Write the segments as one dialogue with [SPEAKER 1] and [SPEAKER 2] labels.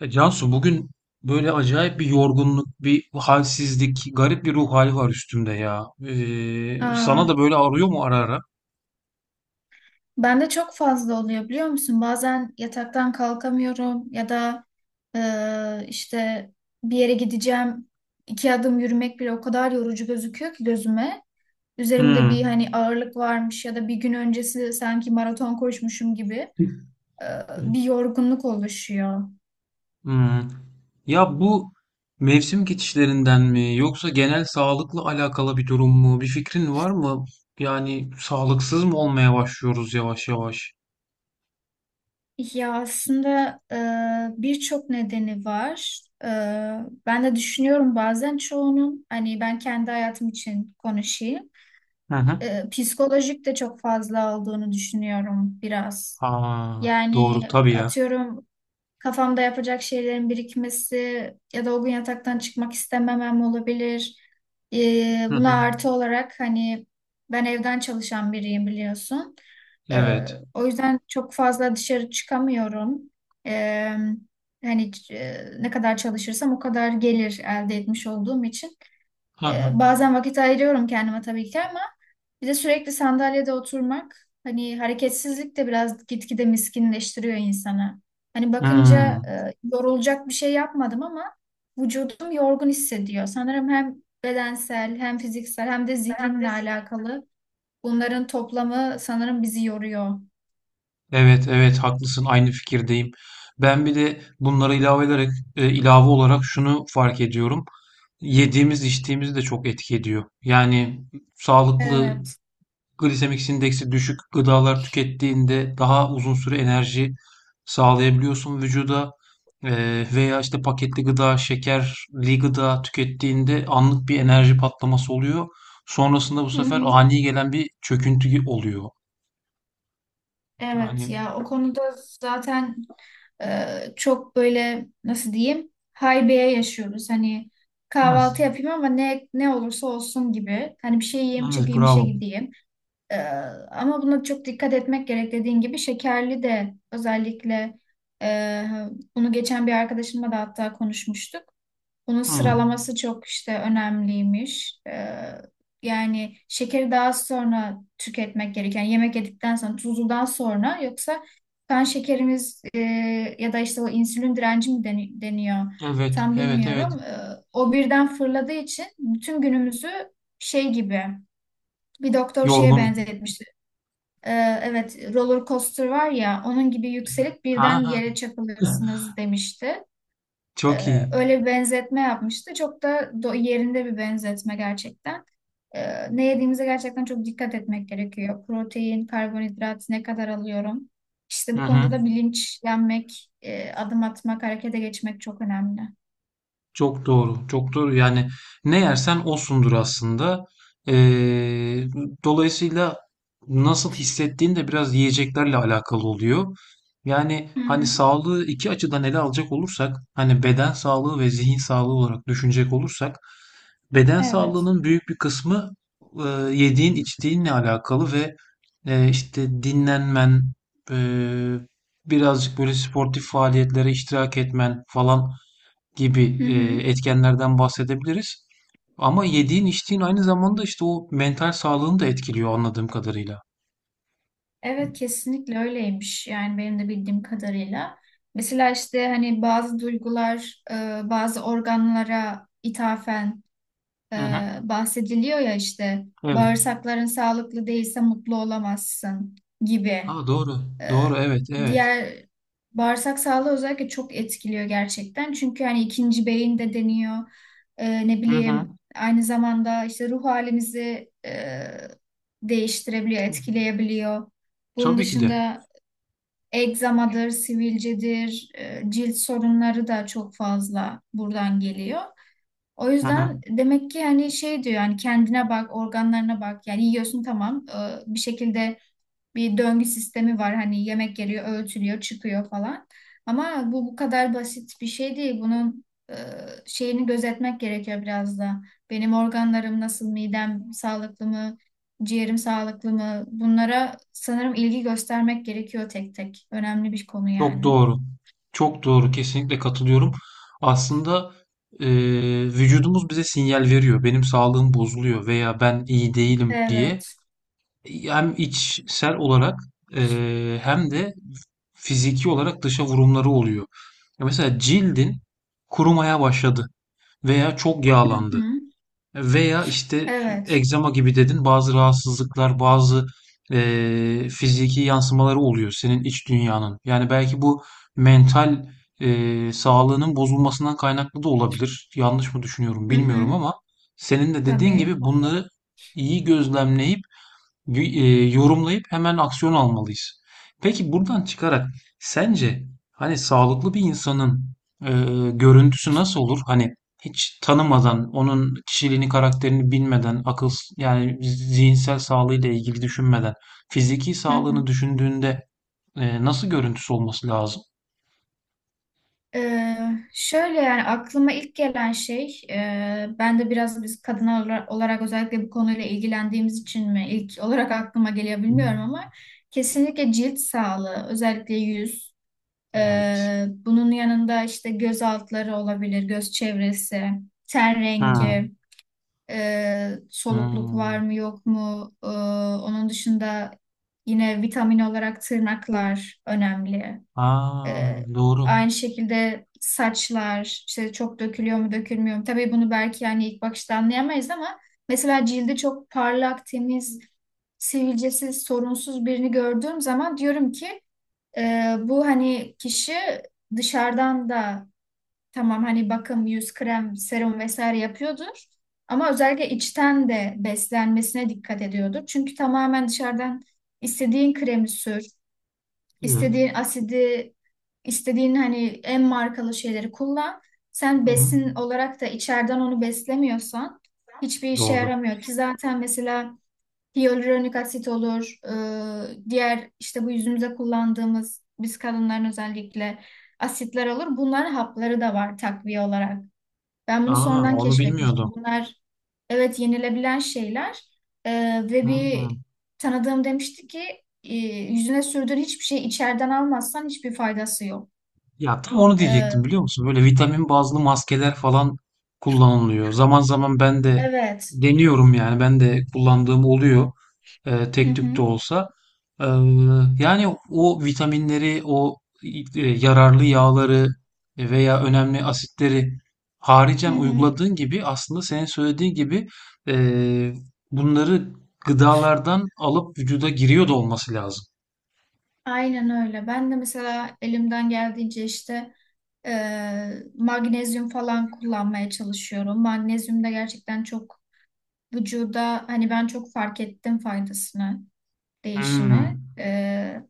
[SPEAKER 1] Ya Cansu bugün böyle acayip bir yorgunluk, bir halsizlik, garip bir ruh hali var üstümde ya.
[SPEAKER 2] Aa,
[SPEAKER 1] Sana da böyle ağrıyor mu ara ara?
[SPEAKER 2] bende çok fazla oluyor biliyor musun? Bazen yataktan kalkamıyorum ya da işte bir yere gideceğim. İki adım yürümek bile o kadar yorucu gözüküyor ki gözüme. Üzerimde bir
[SPEAKER 1] Hmm.
[SPEAKER 2] hani ağırlık varmış ya da bir gün öncesi sanki maraton koşmuşum gibi e, bir yorgunluk oluşuyor.
[SPEAKER 1] Hmm. Ya bu mevsim geçişlerinden mi yoksa genel sağlıkla alakalı bir durum mu? Bir fikrin var mı? Yani sağlıksız mı olmaya başlıyoruz yavaş yavaş?
[SPEAKER 2] Ya aslında birçok nedeni var. Ben de düşünüyorum bazen çoğunun hani, ben kendi hayatım için konuşayım.
[SPEAKER 1] Hı hı.
[SPEAKER 2] Psikolojik de çok fazla olduğunu düşünüyorum biraz.
[SPEAKER 1] Aa, doğru
[SPEAKER 2] Yani
[SPEAKER 1] tabii ya.
[SPEAKER 2] atıyorum, kafamda yapacak şeylerin birikmesi ya da o gün yataktan çıkmak istememem olabilir. E,
[SPEAKER 1] Hı
[SPEAKER 2] Buna
[SPEAKER 1] hı.
[SPEAKER 2] artı olarak hani, ben evden çalışan biriyim biliyorsun. E,
[SPEAKER 1] Evet.
[SPEAKER 2] O yüzden çok fazla dışarı çıkamıyorum. E, Hani ne kadar çalışırsam o kadar gelir elde etmiş olduğum için.
[SPEAKER 1] Hı hı.
[SPEAKER 2] Bazen vakit ayırıyorum kendime tabii ki, ama bir de sürekli sandalyede oturmak, hani hareketsizlik de biraz gitgide miskinleştiriyor insanı. Hani bakınca
[SPEAKER 1] Hmm.
[SPEAKER 2] yorulacak bir şey yapmadım ama vücudum yorgun hissediyor. Sanırım hem bedensel, hem fiziksel, hem de zihinle alakalı. Bunların toplamı sanırım bizi yoruyor.
[SPEAKER 1] Evet, evet haklısın, aynı fikirdeyim. Ben bir de bunlara ilave ederek ilave olarak şunu fark ediyorum. Yediğimiz içtiğimiz de çok etki ediyor. Yani sağlıklı
[SPEAKER 2] Evet.
[SPEAKER 1] glisemik indeksi düşük gıdalar tükettiğinde daha uzun süre enerji sağlayabiliyorsun vücuda. Veya işte paketli gıda, şekerli gıda tükettiğinde anlık bir enerji patlaması oluyor. Sonrasında bu
[SPEAKER 2] Hı
[SPEAKER 1] sefer
[SPEAKER 2] hı.
[SPEAKER 1] ani gelen bir çöküntü oluyor.
[SPEAKER 2] Evet
[SPEAKER 1] Yani
[SPEAKER 2] ya, o konuda zaten çok böyle nasıl diyeyim, haybeye yaşıyoruz. Hani
[SPEAKER 1] biraz.
[SPEAKER 2] kahvaltı yapayım ama ne olursa olsun gibi. Hani bir şey yiyeyim,
[SPEAKER 1] Evet,
[SPEAKER 2] çıkayım işe
[SPEAKER 1] bravo.
[SPEAKER 2] gideyim. Ee, Ama buna çok dikkat etmek gerek dediğin gibi, şekerli de özellikle. e, Bunu geçen bir arkadaşımla da hatta konuşmuştuk. Bunun
[SPEAKER 1] Hmm.
[SPEAKER 2] sıralaması çok işte önemliymiş. Yani şekeri daha sonra tüketmek gereken, yemek yedikten sonra, tuzludan sonra. Yoksa kan şekerimiz, ya da işte o insülin direnci mi deniyor,
[SPEAKER 1] Evet,
[SPEAKER 2] tam
[SPEAKER 1] evet, evet.
[SPEAKER 2] bilmiyorum. O birden fırladığı için bütün günümüzü şey gibi, bir doktor şeye
[SPEAKER 1] Yorgun.
[SPEAKER 2] benzetmişti. Evet, roller coaster var ya, onun gibi yükselip
[SPEAKER 1] Ha
[SPEAKER 2] birden
[SPEAKER 1] ha.
[SPEAKER 2] yere çakılırsınız demişti.
[SPEAKER 1] Çok iyi.
[SPEAKER 2] Öyle bir benzetme yapmıştı. Çok da yerinde bir benzetme gerçekten. Ne yediğimize gerçekten çok dikkat etmek gerekiyor. Protein, karbonhidrat ne kadar alıyorum? İşte
[SPEAKER 1] Hı
[SPEAKER 2] bu konuda
[SPEAKER 1] hı.
[SPEAKER 2] da bilinçlenmek, adım atmak, harekete geçmek çok önemli.
[SPEAKER 1] Çok doğru, çok doğru. Yani ne yersen osundur aslında. Ee, Dolayısıyla nasıl hissettiğin de biraz yiyeceklerle alakalı oluyor. Yani
[SPEAKER 2] Hı
[SPEAKER 1] hani
[SPEAKER 2] hı,
[SPEAKER 1] sağlığı iki açıdan ele alacak olursak, hani beden sağlığı ve zihin sağlığı olarak düşünecek olursak, beden
[SPEAKER 2] evet.
[SPEAKER 1] sağlığının büyük bir kısmı e, yediğin, içtiğinle alakalı ve işte dinlenmen, e, birazcık böyle sportif faaliyetlere iştirak etmen falan gibi
[SPEAKER 2] Hı hı.
[SPEAKER 1] etkenlerden bahsedebiliriz. Ama yediğin içtiğin aynı zamanda işte o mental sağlığını da etkiliyor anladığım kadarıyla.
[SPEAKER 2] Evet kesinlikle öyleymiş. Yani benim de bildiğim kadarıyla. Mesela işte hani bazı duygular, bazı organlara ithafen e,
[SPEAKER 1] Hı hı.
[SPEAKER 2] bahsediliyor ya, işte
[SPEAKER 1] Evet.
[SPEAKER 2] bağırsakların sağlıklı değilse mutlu olamazsın gibi.
[SPEAKER 1] Aa, doğru.
[SPEAKER 2] E,
[SPEAKER 1] Doğru. Evet. Evet.
[SPEAKER 2] Diğer, bağırsak sağlığı özellikle çok etkiliyor gerçekten. Çünkü hani ikinci beyin de deniyor. Ne
[SPEAKER 1] Hı hı.
[SPEAKER 2] bileyim, aynı zamanda işte ruh halimizi değiştirebiliyor, etkileyebiliyor. Bunun
[SPEAKER 1] Tabii ki de.
[SPEAKER 2] dışında egzamadır, sivilcedir, cilt sorunları da çok fazla buradan geliyor. O
[SPEAKER 1] Hı hı.
[SPEAKER 2] yüzden demek ki hani şey diyor, yani kendine bak, organlarına bak. Yani yiyorsun tamam. Bir şekilde bir döngü sistemi var. Hani yemek geliyor, ölçülüyor, çıkıyor falan. Ama bu kadar basit bir şey değil. Bunun şeyini gözetmek gerekiyor biraz da. Benim organlarım nasıl, midem sağlıklı mı, ciğerim sağlıklı mı? Bunlara sanırım ilgi göstermek gerekiyor tek tek. Önemli bir konu
[SPEAKER 1] Çok
[SPEAKER 2] yani.
[SPEAKER 1] doğru. Çok doğru. Kesinlikle katılıyorum. Aslında e, vücudumuz bize sinyal veriyor. Benim sağlığım bozuluyor veya ben iyi değilim diye.
[SPEAKER 2] Evet.
[SPEAKER 1] Hem içsel olarak hem de fiziki olarak dışa vurumları oluyor. Ya mesela cildin kurumaya başladı veya çok
[SPEAKER 2] Hı
[SPEAKER 1] yağlandı
[SPEAKER 2] hı.
[SPEAKER 1] veya işte
[SPEAKER 2] Evet.
[SPEAKER 1] egzama gibi dedin, bazı rahatsızlıklar, bazı fiziki yansımaları oluyor senin iç dünyanın. Yani belki bu mental sağlığının bozulmasından kaynaklı da olabilir. Yanlış mı düşünüyorum
[SPEAKER 2] Hı
[SPEAKER 1] bilmiyorum
[SPEAKER 2] hı.
[SPEAKER 1] ama senin de dediğin gibi
[SPEAKER 2] Tabii.
[SPEAKER 1] bunları iyi gözlemleyip yorumlayıp hemen aksiyon almalıyız. Peki buradan çıkarak sence hani sağlıklı bir insanın e, görüntüsü nasıl olur? Hani hiç tanımadan, onun kişiliğini, karakterini bilmeden, akıl, yani zihinsel sağlığıyla ilgili düşünmeden, fiziki
[SPEAKER 2] Hı
[SPEAKER 1] sağlığını
[SPEAKER 2] hı.
[SPEAKER 1] düşündüğünde nasıl görüntüsü olması lazım?
[SPEAKER 2] Ee, Şöyle, yani aklıma ilk gelen şey, ben de biraz, biz kadın olarak özellikle bu konuyla ilgilendiğimiz için mi ilk olarak aklıma geliyor bilmiyorum, ama kesinlikle cilt sağlığı, özellikle yüz.
[SPEAKER 1] Evet.
[SPEAKER 2] Bunun yanında işte göz altları olabilir, göz çevresi, ten
[SPEAKER 1] Hmm.
[SPEAKER 2] rengi, solukluk var
[SPEAKER 1] Hmm.
[SPEAKER 2] mı yok mu. Onun dışında yine vitamin olarak tırnaklar önemli.
[SPEAKER 1] Aa,
[SPEAKER 2] Ee,
[SPEAKER 1] doğru.
[SPEAKER 2] Aynı şekilde saçlar, işte çok dökülüyor mu dökülmüyor mu? Tabii bunu belki yani ilk bakışta anlayamayız, ama mesela cildi çok parlak, temiz, sivilcesiz, sorunsuz birini gördüğüm zaman diyorum ki, bu hani kişi dışarıdan da tamam hani bakım, yüz krem, serum vesaire yapıyordur. Ama özellikle içten de beslenmesine dikkat ediyordur. Çünkü tamamen dışarıdan istediğin kremi sür,
[SPEAKER 1] Evet.
[SPEAKER 2] İstediğin asidi, istediğin hani en markalı şeyleri kullan. Sen
[SPEAKER 1] Hı hı.
[SPEAKER 2] besin olarak da içeriden onu beslemiyorsan hiçbir işe
[SPEAKER 1] Doğru.
[SPEAKER 2] yaramıyor ki zaten. Mesela hyaluronik asit olur, diğer işte bu yüzümüze kullandığımız, biz kadınların özellikle, asitler olur. Bunların hapları da var takviye olarak. Ben bunu
[SPEAKER 1] Aa,
[SPEAKER 2] sonradan
[SPEAKER 1] onu
[SPEAKER 2] keşfetmiştim.
[SPEAKER 1] bilmiyordum.
[SPEAKER 2] Bunlar, evet, yenilebilen şeyler. Ve bir
[SPEAKER 1] Hmm.
[SPEAKER 2] tanıdığım demişti ki yüzüne sürdüğün hiçbir şey, içeriden almazsan hiçbir faydası yok.
[SPEAKER 1] Ya tam onu diyecektim
[SPEAKER 2] Ee,
[SPEAKER 1] biliyor musun? Böyle vitamin bazlı maskeler falan kullanılıyor. Zaman zaman ben de
[SPEAKER 2] evet.
[SPEAKER 1] deniyorum yani. Ben de kullandığım oluyor.
[SPEAKER 2] Hı
[SPEAKER 1] Tek tük de
[SPEAKER 2] hı,
[SPEAKER 1] olsa. Ee, Yani o vitaminleri, o yararlı yağları veya önemli asitleri
[SPEAKER 2] hı
[SPEAKER 1] haricen
[SPEAKER 2] hı.
[SPEAKER 1] uyguladığın gibi aslında senin söylediğin gibi e, bunları gıdalardan alıp vücuda giriyor da olması lazım.
[SPEAKER 2] Aynen öyle. Ben de mesela elimden geldiğince işte e, magnezyum falan kullanmaya çalışıyorum. Magnezyum da gerçekten çok vücuda, hani ben çok fark ettim faydasını, değişimi.
[SPEAKER 1] Hmm.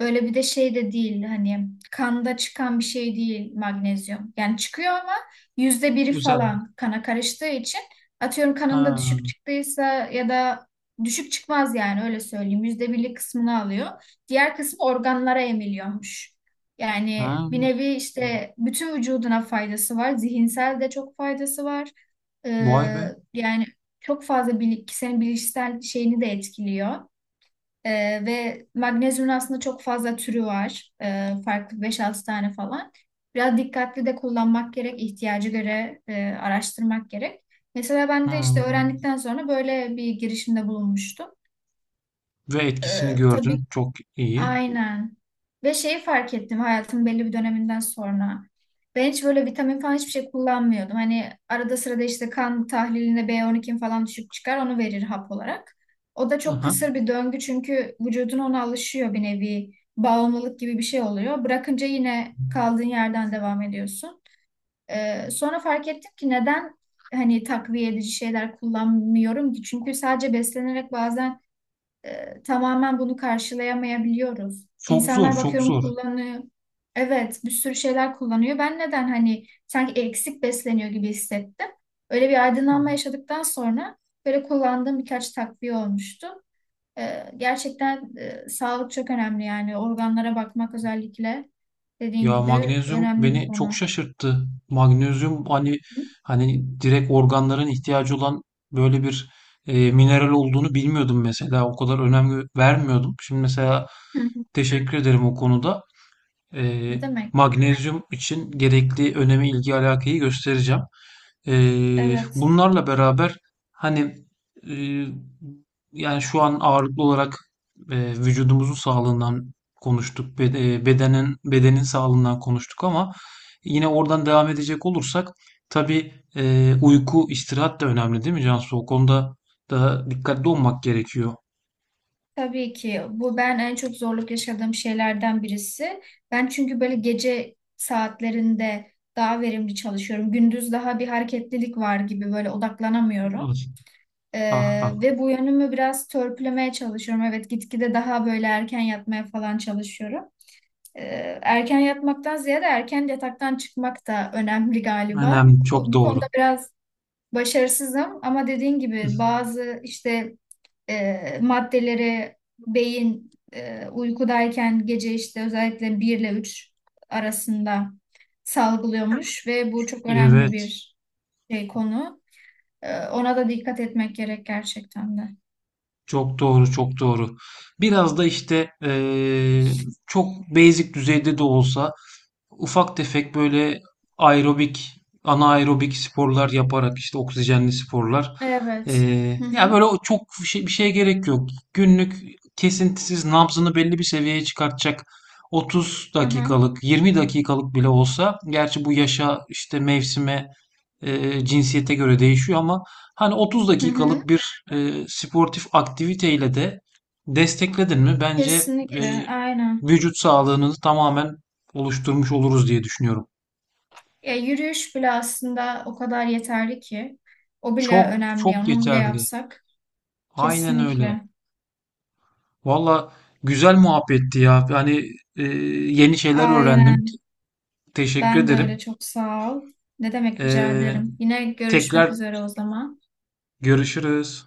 [SPEAKER 2] Böyle bir de şey de değil, hani kanda çıkan bir şey değil magnezyum. Yani çıkıyor ama yüzde biri
[SPEAKER 1] Güzel.
[SPEAKER 2] falan kana karıştığı için, atıyorum kanında
[SPEAKER 1] Ha.
[SPEAKER 2] düşük çıktıysa ya da, düşük çıkmaz yani öyle söyleyeyim. Yüzde birlik kısmını alıyor. Diğer kısmı organlara emiliyormuş. Yani
[SPEAKER 1] Ha.
[SPEAKER 2] bir nevi işte bütün vücuduna faydası var. Zihinsel de çok faydası var. Ee,
[SPEAKER 1] Vay be.
[SPEAKER 2] Yani çok fazla bilik, senin bilişsel şeyini de etkiliyor. Ve magnezyumun aslında çok fazla türü var. Farklı beş altı tane falan. Biraz dikkatli de kullanmak gerek, ihtiyacı göre araştırmak gerek. Mesela ben de işte
[SPEAKER 1] Hıı.
[SPEAKER 2] öğrendikten sonra böyle bir girişimde bulunmuştum.
[SPEAKER 1] Ve etkisini
[SPEAKER 2] Tabii.
[SPEAKER 1] gördün. Çok iyi.
[SPEAKER 2] Aynen. Ve şeyi fark ettim hayatımın belli bir döneminden sonra. Ben hiç böyle vitamin falan hiçbir şey kullanmıyordum. Hani arada sırada işte kan tahliline B12 falan düşük çıkar, onu verir hap olarak. O da
[SPEAKER 1] Hı
[SPEAKER 2] çok
[SPEAKER 1] hı.
[SPEAKER 2] kısır bir döngü, çünkü vücudun ona alışıyor, bir nevi bağımlılık gibi bir şey oluyor. Bırakınca yine kaldığın yerden devam ediyorsun. Sonra fark ettim ki neden hani takviye edici şeyler kullanmıyorum ki? Çünkü sadece beslenerek bazen tamamen bunu karşılayamayabiliyoruz.
[SPEAKER 1] Çok zor,
[SPEAKER 2] İnsanlar
[SPEAKER 1] çok
[SPEAKER 2] bakıyorum
[SPEAKER 1] zor.
[SPEAKER 2] kullanıyor. Evet, bir sürü şeyler kullanıyor. Ben neden, hani sanki eksik besleniyor gibi hissettim. Öyle bir
[SPEAKER 1] Hı.
[SPEAKER 2] aydınlanma yaşadıktan sonra böyle kullandığım birkaç takviye olmuştu. Gerçekten sağlık çok önemli, yani organlara bakmak özellikle dediğin
[SPEAKER 1] Ya
[SPEAKER 2] gibi
[SPEAKER 1] magnezyum
[SPEAKER 2] önemli bir
[SPEAKER 1] beni çok
[SPEAKER 2] konu.
[SPEAKER 1] şaşırttı. Magnezyum hani direkt organların ihtiyacı olan böyle bir mineral olduğunu bilmiyordum mesela. O kadar önem gö- vermiyordum. Şimdi mesela
[SPEAKER 2] Hı hı.
[SPEAKER 1] teşekkür ederim o konuda.
[SPEAKER 2] Ne
[SPEAKER 1] Eee,
[SPEAKER 2] demek?
[SPEAKER 1] Magnezyum için gerekli önemi, ilgi, alakayı göstereceğim.
[SPEAKER 2] Evet.
[SPEAKER 1] Bunlarla beraber hani eee, yani şu an ağırlıklı olarak vücudumuzun sağlığından konuştuk, bedenin sağlığından konuştuk ama yine oradan devam edecek olursak tabii uyku, istirahat da önemli değil mi Cansu? O konuda da dikkatli olmak gerekiyor.
[SPEAKER 2] Tabii ki bu ben en çok zorluk yaşadığım şeylerden birisi. Ben çünkü böyle gece saatlerinde daha verimli çalışıyorum. Gündüz daha bir hareketlilik var gibi, böyle odaklanamıyorum.
[SPEAKER 1] Evet. Ah ah,
[SPEAKER 2] Ve bu yönümü biraz törpülemeye çalışıyorum. Evet, gitgide daha böyle erken yatmaya falan çalışıyorum. Erken yatmaktan ziyade erken yataktan çıkmak da önemli galiba.
[SPEAKER 1] önemli, çok
[SPEAKER 2] Bu
[SPEAKER 1] doğru.
[SPEAKER 2] konuda biraz başarısızım, ama dediğin gibi bazı işte maddelere beyin uykudayken, gece işte özellikle 1 ile 3 arasında salgılıyormuş, ve bu çok önemli
[SPEAKER 1] Evet.
[SPEAKER 2] bir şey, konu. Ona da dikkat etmek gerek gerçekten de.
[SPEAKER 1] Çok doğru, çok doğru. Biraz da işte çok basic düzeyde de olsa ufak tefek böyle aerobik, anaerobik sporlar yaparak, işte oksijenli sporlar.
[SPEAKER 2] Evet. Hı
[SPEAKER 1] Ya
[SPEAKER 2] hı,
[SPEAKER 1] böyle o çok bir şey, bir şeye gerek yok. Günlük kesintisiz nabzını belli bir seviyeye çıkartacak 30
[SPEAKER 2] hı hı,
[SPEAKER 1] dakikalık, 20 dakikalık bile olsa, gerçi bu yaşa, işte mevsime, cinsiyete göre değişiyor ama hani 30
[SPEAKER 2] hı hı.
[SPEAKER 1] dakikalık bir sportif aktiviteyle de destekledin mi bence
[SPEAKER 2] Kesinlikle, aynen.
[SPEAKER 1] vücut sağlığını tamamen oluşturmuş oluruz diye düşünüyorum.
[SPEAKER 2] Ya, yürüyüş bile aslında o kadar yeterli ki. O bile
[SPEAKER 1] Çok
[SPEAKER 2] önemli,
[SPEAKER 1] çok
[SPEAKER 2] yani onu bile
[SPEAKER 1] yeterli.
[SPEAKER 2] yapsak.
[SPEAKER 1] Aynen öyle.
[SPEAKER 2] Kesinlikle.
[SPEAKER 1] Valla güzel muhabbetti ya. Yani yeni şeyler öğrendim.
[SPEAKER 2] Aynen.
[SPEAKER 1] Teşekkür
[SPEAKER 2] Ben de öyle,
[SPEAKER 1] ederim.
[SPEAKER 2] çok sağ ol. Ne demek, rica
[SPEAKER 1] E,
[SPEAKER 2] ederim. Yine
[SPEAKER 1] Tekrar
[SPEAKER 2] görüşmek üzere o zaman.
[SPEAKER 1] görüşürüz.